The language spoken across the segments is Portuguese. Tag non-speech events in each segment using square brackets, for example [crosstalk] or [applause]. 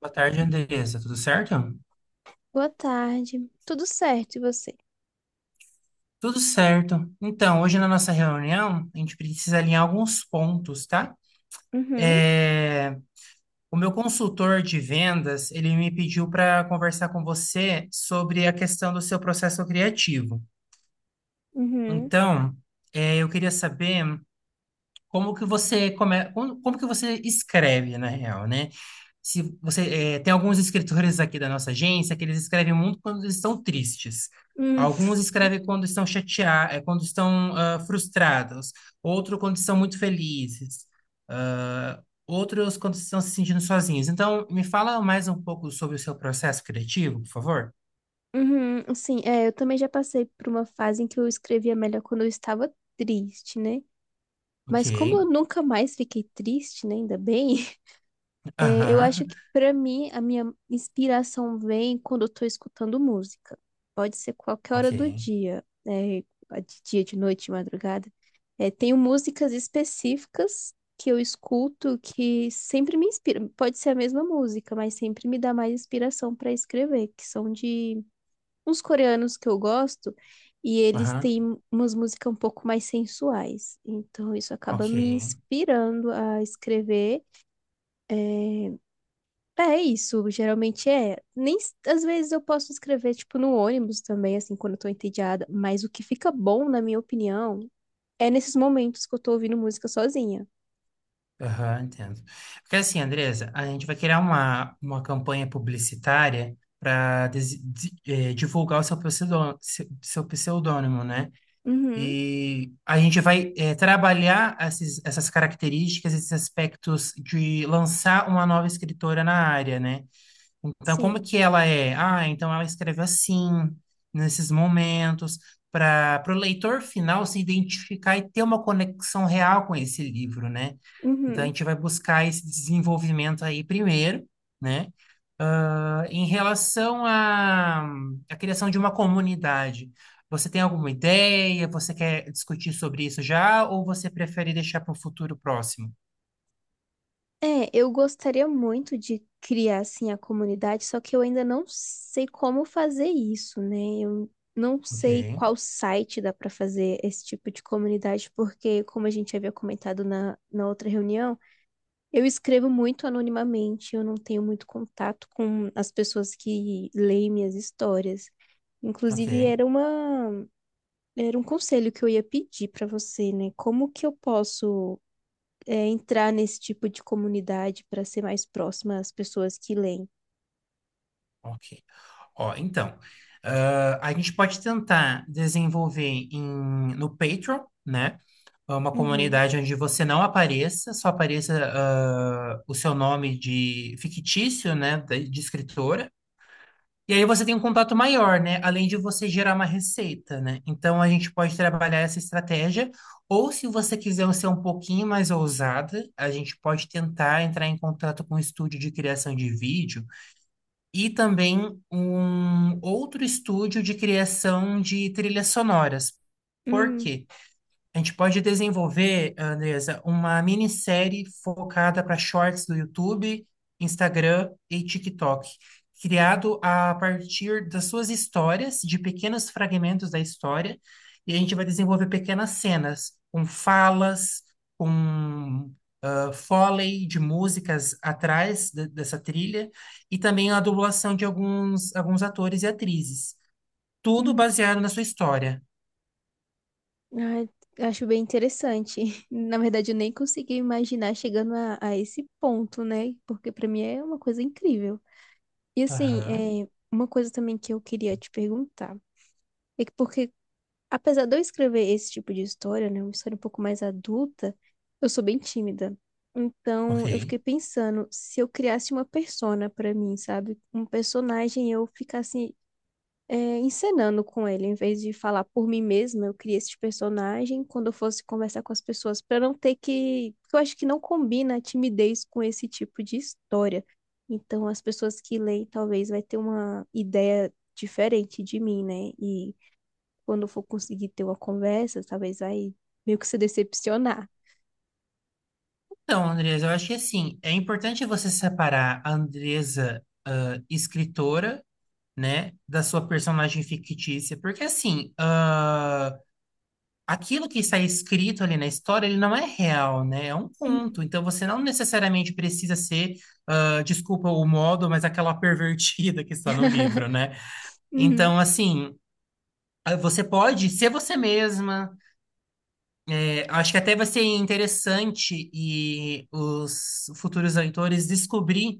Boa tarde, Andressa. Tudo certo? Boa tarde. Tudo certo, e você? Tudo certo. Então, hoje na nossa reunião, a gente precisa alinhar alguns pontos, tá? Uhum. É, O meu consultor de vendas, ele me pediu para conversar com você sobre a questão do seu processo criativo. Uhum. Então, eu queria saber como que você como que você escreve, na real, né? Se você tem alguns escritores aqui da nossa agência que eles escrevem muito quando eles estão tristes. Hum. Alguns [laughs] escrevem quando estão chateados, quando estão frustrados. Outro quando estão muito felizes. Ah, outros quando estão se sentindo sozinhos. Então, me fala mais um pouco sobre o seu processo criativo, por favor. Uhum, sim, é, eu também já passei por uma fase em que eu escrevia melhor quando eu estava triste, né? Ok. Mas como eu nunca mais fiquei triste, né? Ainda bem. É, eu acho Aham. que pra mim a minha inspiração vem quando eu tô escutando música. Pode ser qualquer hora Ok. do dia, né? De dia, de noite, de madrugada. É, tenho músicas específicas que eu escuto que sempre me inspiram. Pode ser a mesma música, mas sempre me dá mais inspiração pra escrever, que são de uns coreanos que eu gosto e eles Aham. têm umas músicas um pouco mais sensuais. Então isso acaba me Ok. inspirando a escrever. É, é isso, geralmente é. Nem s- Às vezes eu posso escrever tipo no ônibus também, assim, quando eu tô entediada, mas o que fica bom, na minha opinião, é nesses momentos que eu tô ouvindo música sozinha. Aham, entendo. Porque assim, Andresa, a gente vai criar uma campanha publicitária para divulgar o seu pseudônimo, seu pseudônimo, né? Uhum. E a gente vai trabalhar essas características, esses aspectos de lançar uma nova escritora na área, né? Então, como Sim. que ela é? Ah, então ela escreve assim, nesses momentos, para o leitor final se identificar e ter uma conexão real com esse livro, né? Então, a Uhum. gente vai buscar esse desenvolvimento aí primeiro, né? Em relação à criação de uma comunidade, você tem alguma ideia? Você quer discutir sobre isso já? Ou você prefere deixar para o futuro próximo? É, eu gostaria muito de criar assim a comunidade, só que eu ainda não sei como fazer isso, né? Eu não Ok, sei qual site dá para fazer esse tipo de comunidade, porque como a gente havia comentado na outra reunião, eu escrevo muito anonimamente, eu não tenho muito contato com as pessoas que leem minhas histórias. ok, Inclusive, era uma, era um conselho que eu ia pedir para você, né? Como que eu posso, é, entrar nesse tipo de comunidade para ser mais próxima às pessoas que leem? ok. Ó, então, a gente pode tentar desenvolver no Patreon, né? Uma Uhum. comunidade onde você não apareça, só apareça o seu nome de fictício, né? De escritora. E aí você tem um contato maior, né? Além de você gerar uma receita, né? Então a gente pode trabalhar essa estratégia. Ou se você quiser ser um pouquinho mais ousada, a gente pode tentar entrar em contato com um estúdio de criação de vídeo e também um outro estúdio de criação de trilhas sonoras. Por Hum. quê? A gente pode desenvolver, Andresa, uma minissérie focada para shorts do YouTube, Instagram e TikTok, criado a partir das suas histórias, de pequenos fragmentos da história, e a gente vai desenvolver pequenas cenas, com falas, com foley de músicas atrás dessa trilha, e também a dublagem de alguns atores e atrizes. Tudo Uhum. baseado na sua história. Ah, acho bem interessante. [laughs] Na verdade, eu nem consegui imaginar chegando a esse ponto, né? Porque para mim é uma coisa incrível. E assim, Aham, é, uma coisa também que eu queria te perguntar é que porque, apesar de eu escrever esse tipo de história, né, uma história um pouco mais adulta, eu sou bem tímida. ok. Então, eu fiquei pensando se eu criasse uma persona pra mim, sabe? Um personagem e eu ficasse é, encenando com ele. Em vez de falar por mim mesma, eu criei esse personagem quando eu fosse conversar com as pessoas, para não ter que. Porque eu acho que não combina a timidez com esse tipo de história. Então, as pessoas que leem talvez vai ter uma ideia diferente de mim, né? E quando eu for conseguir ter uma conversa, talvez vai meio que se decepcionar. Então, Andresa, eu acho que assim, é importante você separar a Andresa, escritora, né, da sua personagem fictícia, porque assim, ah, aquilo que está escrito ali na história, ele não é real, né? É um Uhum, conto, então você não necessariamente precisa ser, desculpa o modo, mas aquela [laughs] pervertida que está no livro, né? uhum, Então, assim, você pode ser você mesma, é, acho que até vai ser interessante e os futuros leitores descobrir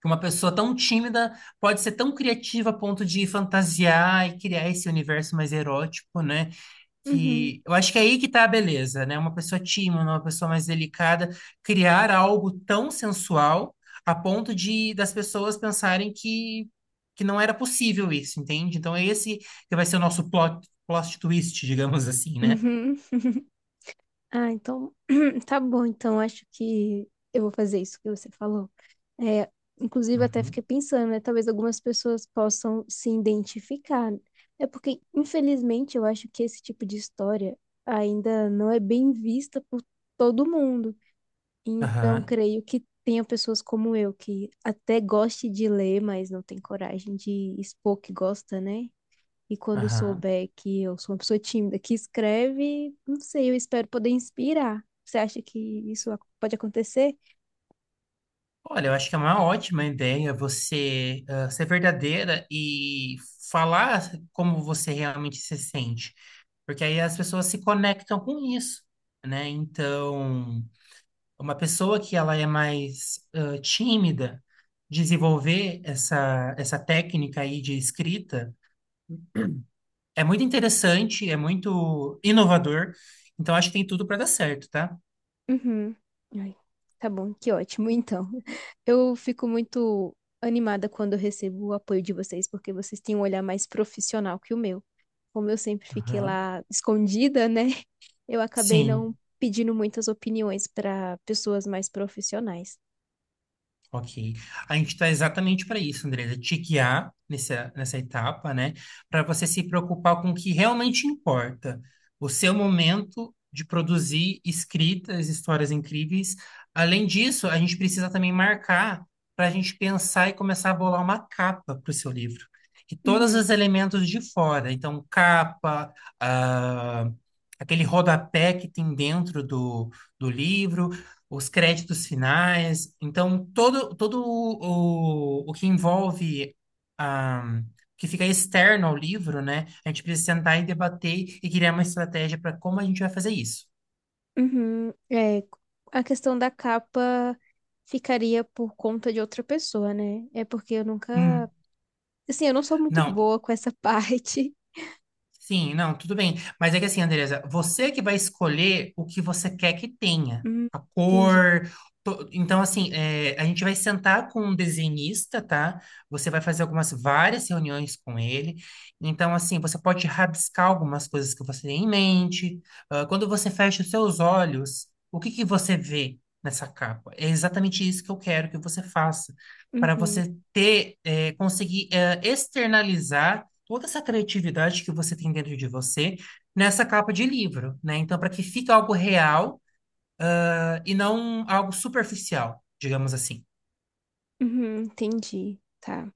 que uma pessoa tão tímida pode ser tão criativa a ponto de fantasiar e criar esse universo mais erótico, né? uhum. Que eu acho que é aí que tá a beleza, né? Uma pessoa tímida, uma pessoa mais delicada, criar algo tão sensual a ponto de das pessoas pensarem que não era possível isso, entende? Então é esse que vai ser o nosso plot twist, [laughs] digamos assim, né? Uhum. Ah, então [clears throat] tá bom. Então acho que eu vou fazer isso que você falou. É, inclusive até fiquei Uhum. pensando, né? Talvez algumas pessoas possam se identificar. É porque, infelizmente, eu acho que esse tipo de história ainda não é bem vista por todo mundo. Então, Aham, creio que tenha pessoas como eu que até goste de ler, mas não tem coragem de expor que gosta, né? E quando aham. souber que eu sou uma pessoa tímida que escreve, não sei, eu espero poder inspirar. Você acha que pode acontecer? Olha, eu acho que é uma ótima ideia você ser verdadeira e falar como você realmente se sente, porque aí as pessoas se conectam com isso, né? Então, uma pessoa que ela é mais tímida, desenvolver essa técnica aí de escrita é muito interessante, é muito inovador, então acho que tem tudo para dar certo, tá? Uhum. Ai, tá bom, que ótimo. Então, [laughs] eu fico muito animada quando eu recebo o apoio de vocês, porque vocês têm um olhar mais profissional que o meu. Como eu sempre fiquei Aham. lá escondida, né? [laughs] Eu acabei não Sim. pedindo muitas opiniões para pessoas mais profissionais. Ok. A gente está exatamente para isso, Andresa, te guiar nessa etapa, né? Para você se preocupar com o que realmente importa. O seu momento de produzir escritas, histórias incríveis. Além disso, a gente precisa também marcar para a gente pensar e começar a bolar uma capa para o seu livro. E todos os Uhum. elementos de fora. Então, capa, ah, aquele rodapé que tem dentro do livro os créditos finais. Então, todo o que envolve, ah, que fica externo ao livro, né? A gente precisa sentar e debater e criar uma estratégia para como a gente vai fazer isso. Uhum, é, a questão da capa ficaria por conta de outra pessoa, né? É porque eu nunca. Hum, Assim, eu não sou muito não, boa com essa [laughs] parte. Sim, não, tudo bem. Mas é que assim, Andresa, você que vai escolher o que você quer que tenha. Hum, A entendi. cor. Então, assim, é, a gente vai sentar com um desenhista, tá? Você vai fazer várias reuniões com ele. Então, assim, você pode rabiscar algumas coisas que você tem em mente. Ah, quando você fecha os seus olhos, o que que você vê nessa capa? É exatamente isso que eu quero que você faça. Para Uhum. você ter, conseguir, externalizar toda essa criatividade que você tem dentro de você nessa capa de livro, né? Então, para que fique algo real, ah, e não algo superficial, digamos assim. Uhum, entendi. Tá.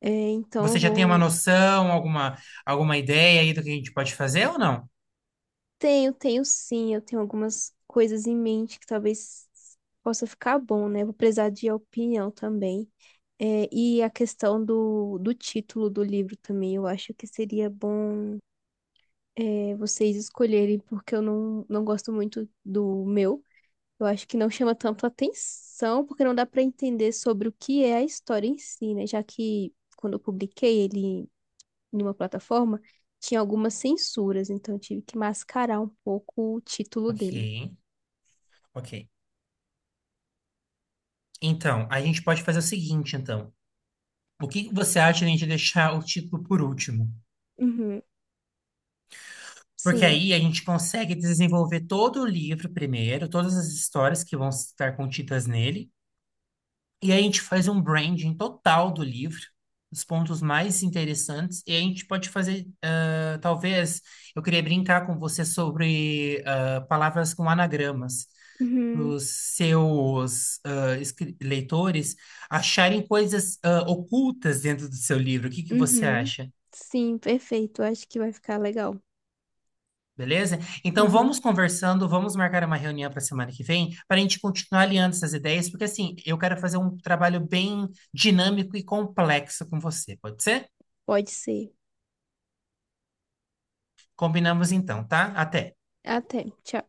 É, então eu Você já tem uma vou. noção, alguma ideia aí do que a gente pode fazer ou não? Tenho, tenho sim. Eu tenho algumas coisas em mente que talvez possa ficar bom, né? Vou precisar de opinião também. É, e a questão do título do livro também, eu acho que seria bom. É, vocês escolherem, porque eu não gosto muito do meu. Eu acho que não chama tanto atenção, porque não dá para entender sobre o que é a história em si, né? Já que quando eu publiquei ele numa plataforma, tinha algumas censuras, então eu tive que mascarar um pouco o título Ok, dele. ok. Então, a gente pode fazer o seguinte, então. O que que você acha de a gente deixar o título por último? Uhum, Porque sim. aí a gente consegue desenvolver todo o livro primeiro, todas as histórias que vão estar contidas nele, e aí a gente faz um branding total do livro, os pontos mais interessantes, e a gente pode fazer, ah, talvez, eu queria brincar com você sobre palavras com anagramas, para Uhum. os seus leitores acharem coisas ocultas dentro do seu livro. O que que você Uhum. acha? Sim, perfeito. Eu acho que vai ficar legal. Beleza? Então Aham, vamos conversando, vamos marcar uma reunião para semana que vem para a gente continuar alinhando essas ideias, porque assim, eu quero fazer um trabalho bem dinâmico e complexo com você, pode ser? pode ser. Combinamos então, tá? Até. Até. Tchau.